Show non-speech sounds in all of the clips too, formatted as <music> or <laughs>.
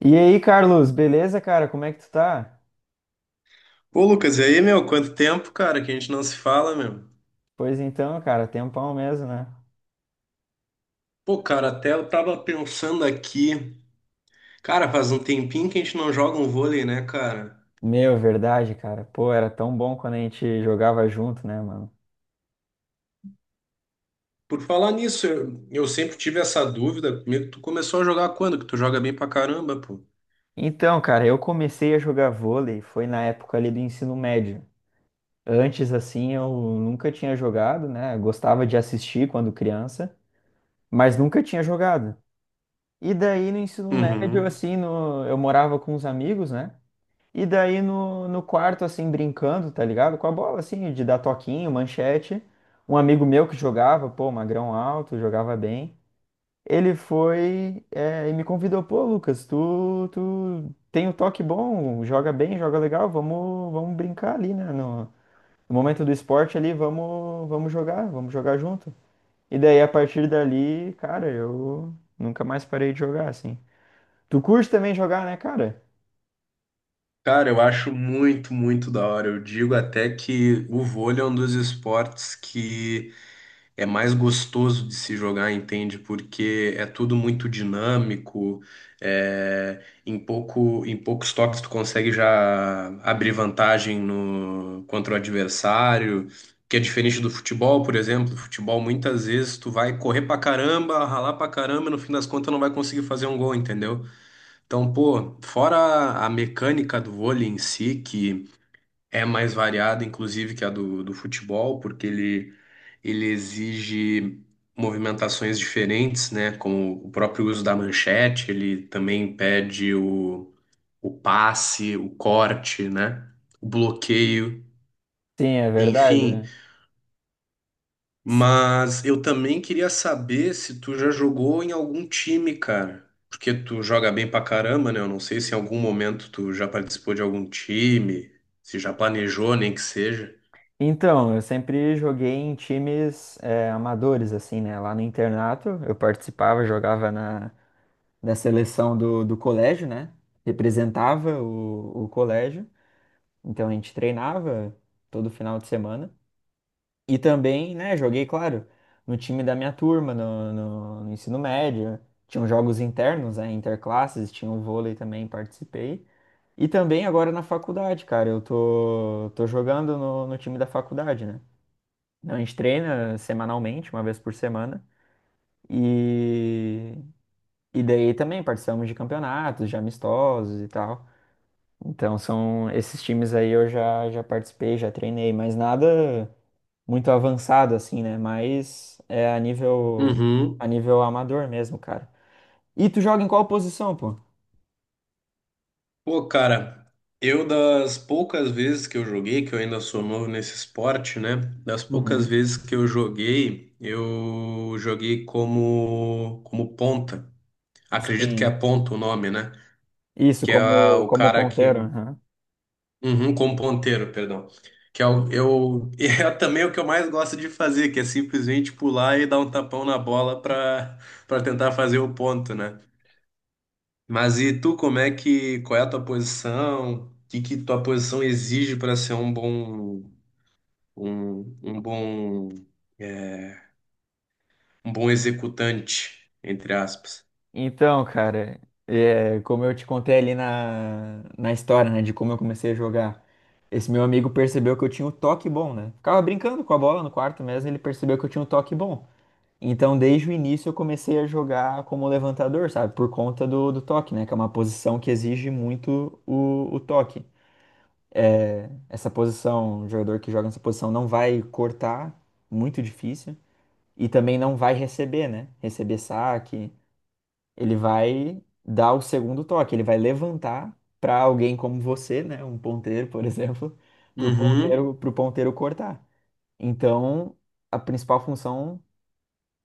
E aí, Carlos, beleza, cara? Como é que tu tá? Pô, Lucas, e aí, meu? Quanto tempo, cara, que a gente não se fala, meu? Pois então, cara, tempão mesmo, né? Pô, cara, até eu tava pensando aqui. Cara, faz um tempinho que a gente não joga um vôlei, né, cara? Meu, verdade, cara. Pô, era tão bom quando a gente jogava junto, né, mano? Por falar nisso, eu sempre tive essa dúvida comigo. Tu começou a jogar quando? Que tu joga bem pra caramba, pô. Então, cara, eu comecei a jogar vôlei, foi na época ali do ensino médio. Antes, assim, eu nunca tinha jogado, né? Gostava de assistir quando criança, mas nunca tinha jogado. E daí, no ensino médio, Uhum. assim, no... eu morava com os amigos, né? E daí no quarto, assim, brincando, tá ligado? Com a bola, assim, de dar toquinho, manchete. Um amigo meu que jogava, pô, magrão alto, jogava bem. Ele foi, é, e me convidou, pô, Lucas, tu tem o toque bom, joga bem, joga legal, vamos brincar ali, né? No, no momento do esporte ali, vamos jogar, vamos jogar junto. E daí, a partir dali, cara, eu nunca mais parei de jogar, assim. Tu curte também jogar, né, cara? Cara, eu acho muito, muito da hora. Eu digo até que o vôlei é um dos esportes que é mais gostoso de se jogar, entende? Porque é tudo muito dinâmico, é, em poucos toques tu consegue já abrir vantagem no, contra o adversário, que é diferente do futebol, por exemplo. Futebol, muitas vezes, tu vai correr pra caramba, ralar pra caramba, e no fim das contas não vai conseguir fazer um gol, entendeu? Então, pô, fora a mecânica do vôlei em si, que é mais variada, inclusive, que a do, do futebol, porque ele exige movimentações diferentes, né? Como o próprio uso da manchete, ele também pede o passe, o corte, né? O bloqueio, Sim, é verdade, enfim. né? Mas eu também queria saber se tu já jogou em algum time, cara. Porque tu joga bem pra caramba, né? Eu não sei se em algum momento tu já participou de algum time, se já planejou, nem que seja. Então, eu sempre joguei em times amadores, assim, né? Lá no internato, eu participava, jogava na seleção do colégio, né? Representava o colégio. Então, a gente treinava todo final de semana. E também, né, joguei, claro, no time da minha turma, no ensino médio. Tinham jogos internos, né? Interclasses, tinha o vôlei também, participei. E também agora na faculdade, cara, eu tô jogando no time da faculdade, né? Então, a gente treina semanalmente, uma vez por semana. E, e daí também participamos de campeonatos, de amistosos e tal. Então, são esses times aí eu já participei, já treinei, mas nada muito avançado assim, né? Mas é a Uhum. nível amador mesmo, cara. E tu joga em qual posição, pô? Pô, cara, eu das poucas vezes que eu joguei, que eu ainda sou novo nesse esporte, né? Das poucas Uhum. vezes que eu joguei como ponta. Acredito que é Sim. ponta o nome, né? Isso, Que é como, o como cara que, ponteiro. Aham. uhum, como ponteiro, perdão. Que é o, eu <laughs> é também o que eu mais gosto de fazer, que é simplesmente pular e dar um tapão na bola para para tentar fazer o ponto, né? Mas e tu, como é que, qual é a tua posição? O que que tua posição exige para ser um bom, um bom, é, um bom executante, entre aspas? Então, cara, é, como eu te contei ali na história, né, de como eu comecei a jogar, esse meu amigo percebeu que eu tinha um toque bom, né? Ficava brincando com a bola no quarto mesmo, ele percebeu que eu tinha um toque bom. Então, desde o início, eu comecei a jogar como levantador, sabe? Por conta do toque, né? Que é uma posição que exige muito o toque. É, essa posição, o jogador que joga nessa posição não vai cortar, muito difícil, e também não vai receber, né? Receber saque, ele vai dar o segundo toque, ele vai levantar para alguém como você, né, um ponteiro, por <laughs> exemplo, para o Uhum, ponteiro, para ponteiro cortar. Então, a principal função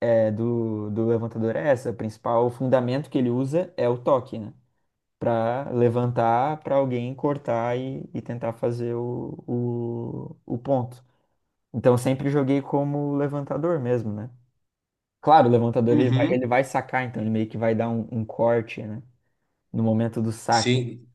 é, do levantador é essa, o principal fundamento que ele usa é o toque, né, para levantar para alguém cortar e tentar fazer o ponto. Então, sempre joguei como levantador mesmo, né? Claro, o levantador ele uhum. vai sacar, então ele meio que vai dar um corte, né? No momento do saque. Sim,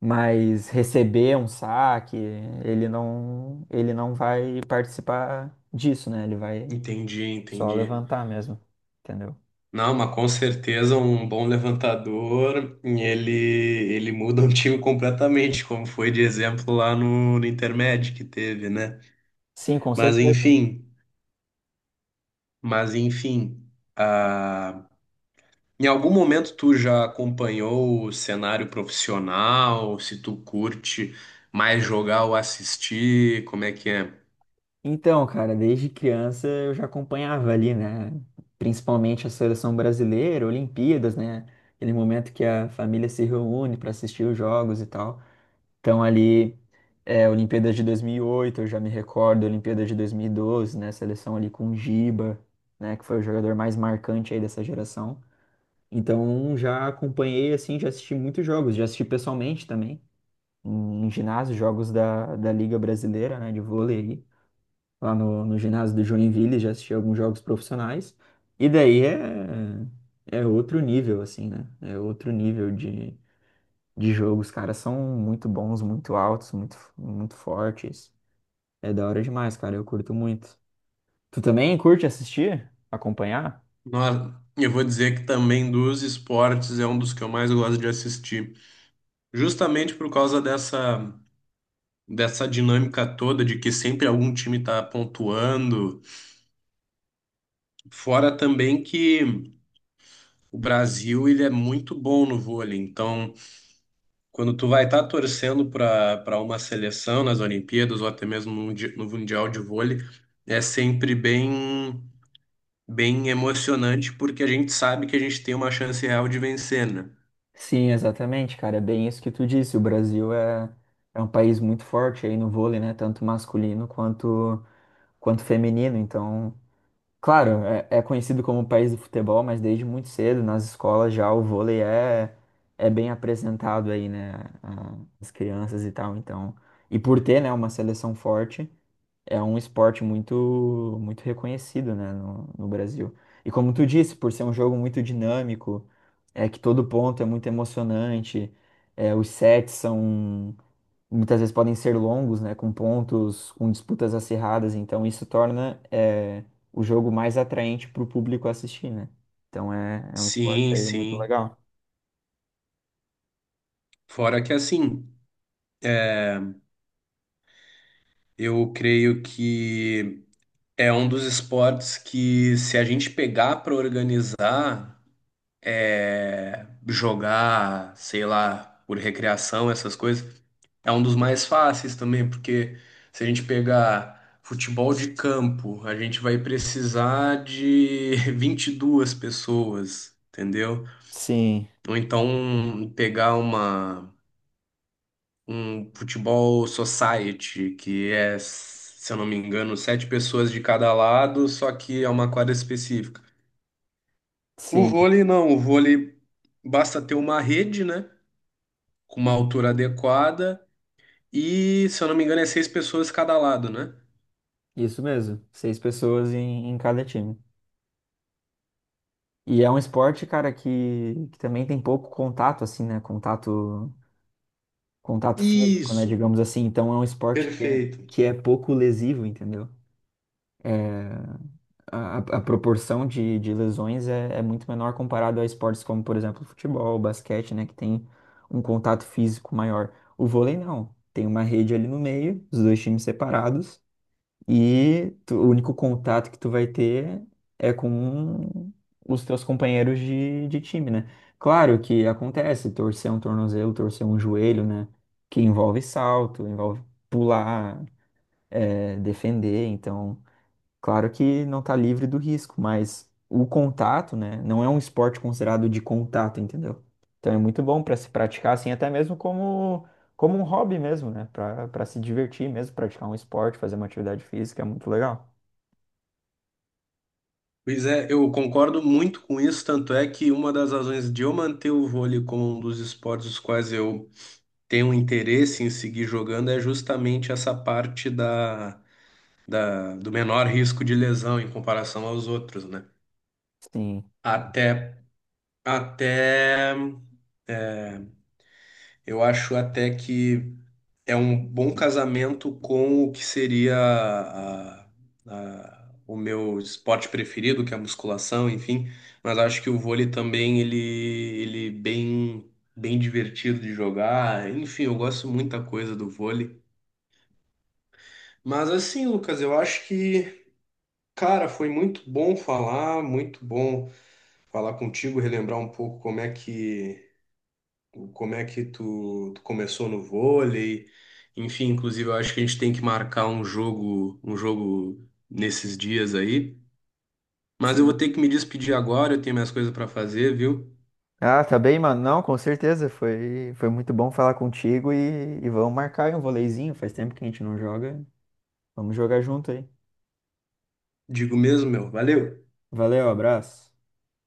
Mas receber um saque, ele não vai participar disso, né? Ele vai entendi, só entendi. levantar mesmo, entendeu? Não, mas com certeza um bom levantador, ele muda um time completamente, como foi de exemplo lá no, no Intermédio que teve, né? Sim, com Mas certeza. enfim, mas enfim, ah, em algum momento tu já acompanhou o cenário profissional? Se tu curte mais jogar ou assistir, como é que é? Então, cara, desde criança eu já acompanhava ali, né? Principalmente a seleção brasileira, Olimpíadas, né? Aquele momento que a família se reúne para assistir os jogos e tal. Então ali, é, Olimpíadas de 2008, eu já me recordo, Olimpíadas de 2012, né, seleção ali com o Giba, né, que foi o jogador mais marcante aí dessa geração. Então já acompanhei, assim, já assisti muitos jogos, já assisti pessoalmente também, em, em ginásio, jogos da Liga Brasileira, né, de vôlei aí, lá no ginásio do Joinville, já assisti alguns jogos profissionais. E daí é, é outro nível, assim, né, é outro nível de jogo. Os caras são muito bons, muito altos, muito, muito fortes. É da hora demais, cara. Eu curto muito. Tu também curte assistir? Acompanhar? Eu vou dizer que também dos esportes é um dos que eu mais gosto de assistir, justamente por causa dessa dinâmica toda de que sempre algum time está pontuando. Fora também que o Brasil ele é muito bom no vôlei, então quando tu vai estar torcendo para uma seleção nas Olimpíadas ou até mesmo no no Mundial de Vôlei, é sempre bem emocionante porque a gente sabe que a gente tem uma chance real de vencer, né? Sim, exatamente, cara. É bem isso que tu disse. O Brasil é, é um país muito forte aí no vôlei, né? Tanto masculino quanto, quanto feminino. Então, claro, é, é conhecido como o país do futebol, mas desde muito cedo, nas escolas já, o vôlei é, é bem apresentado aí, né? a- As crianças e tal. Então, e por ter, né, uma seleção forte. É um esporte muito, muito reconhecido, né, no Brasil. E como tu disse, por ser um jogo muito dinâmico, é que todo ponto é muito emocionante, é, os sets são, muitas vezes podem ser longos, né, com pontos, com disputas acirradas, então isso torna, é, o jogo mais atraente para o público assistir, né? Então é, é um esporte Sim, aí muito sim. legal. Fora que assim, eu creio que é um dos esportes que, se a gente pegar para organizar, é, jogar, sei lá, por recreação, essas coisas, é um dos mais fáceis também, porque se a gente pegar futebol de campo, a gente vai precisar de <laughs> 22 pessoas, entendeu? Sim, Ou então pegar um futebol society, que é, se eu não me engano, sete pessoas de cada lado, só que é uma quadra específica. O sim, vôlei não, o vôlei basta ter uma rede, né? Com uma altura adequada e, se eu não me engano, é seis pessoas cada lado, né? isso mesmo. Seis pessoas em, em cada time. E é um esporte, cara, que também tem pouco contato, assim, né? Contato, contato físico, né? Isso, Digamos assim. Então é um esporte perfeito. que é pouco lesivo, entendeu? É, a proporção de lesões é, é muito menor comparado a esportes como, por exemplo, futebol, basquete, né? Que tem um contato físico maior. O vôlei não. Tem uma rede ali no meio, os dois times separados. E tu- o único contato que tu vai ter é com os teus companheiros de time, né? Claro que acontece, torcer um tornozelo, torcer um joelho, né? Que envolve salto, envolve pular, defender, então. Claro que não está livre do risco, mas o contato, né, não é um esporte considerado de contato, entendeu? Então é muito bom para se praticar assim, até mesmo como, como um hobby mesmo, né? Para para se divertir mesmo, praticar um esporte, fazer uma atividade física, é muito legal. Pois é, eu concordo muito com isso, tanto é que uma das razões de eu manter o vôlei como um dos esportes os quais eu tenho interesse em seguir jogando é justamente essa parte do menor risco de lesão em comparação aos outros, né? Sim. Até, até, é, eu acho até que é um bom casamento com o que seria a- o meu esporte preferido, que é a musculação, enfim. Mas acho que o vôlei também, ele bem divertido de jogar. Enfim, eu gosto muita coisa do vôlei. Mas assim, Lucas, eu acho que, cara, foi muito bom falar contigo, relembrar um pouco como é que tu começou no vôlei. Enfim, inclusive eu acho que a gente tem que marcar um jogo nesses dias aí. Mas eu vou Sim. ter que me despedir agora, eu tenho minhas coisas para fazer, viu? Ah, tá bem, mano. Não, com certeza. Foi, foi muito bom falar contigo e vamos marcar aí um voleizinho. Faz tempo que a gente não joga. Vamos jogar junto aí. Digo mesmo, meu. Valeu. Valeu, abraço.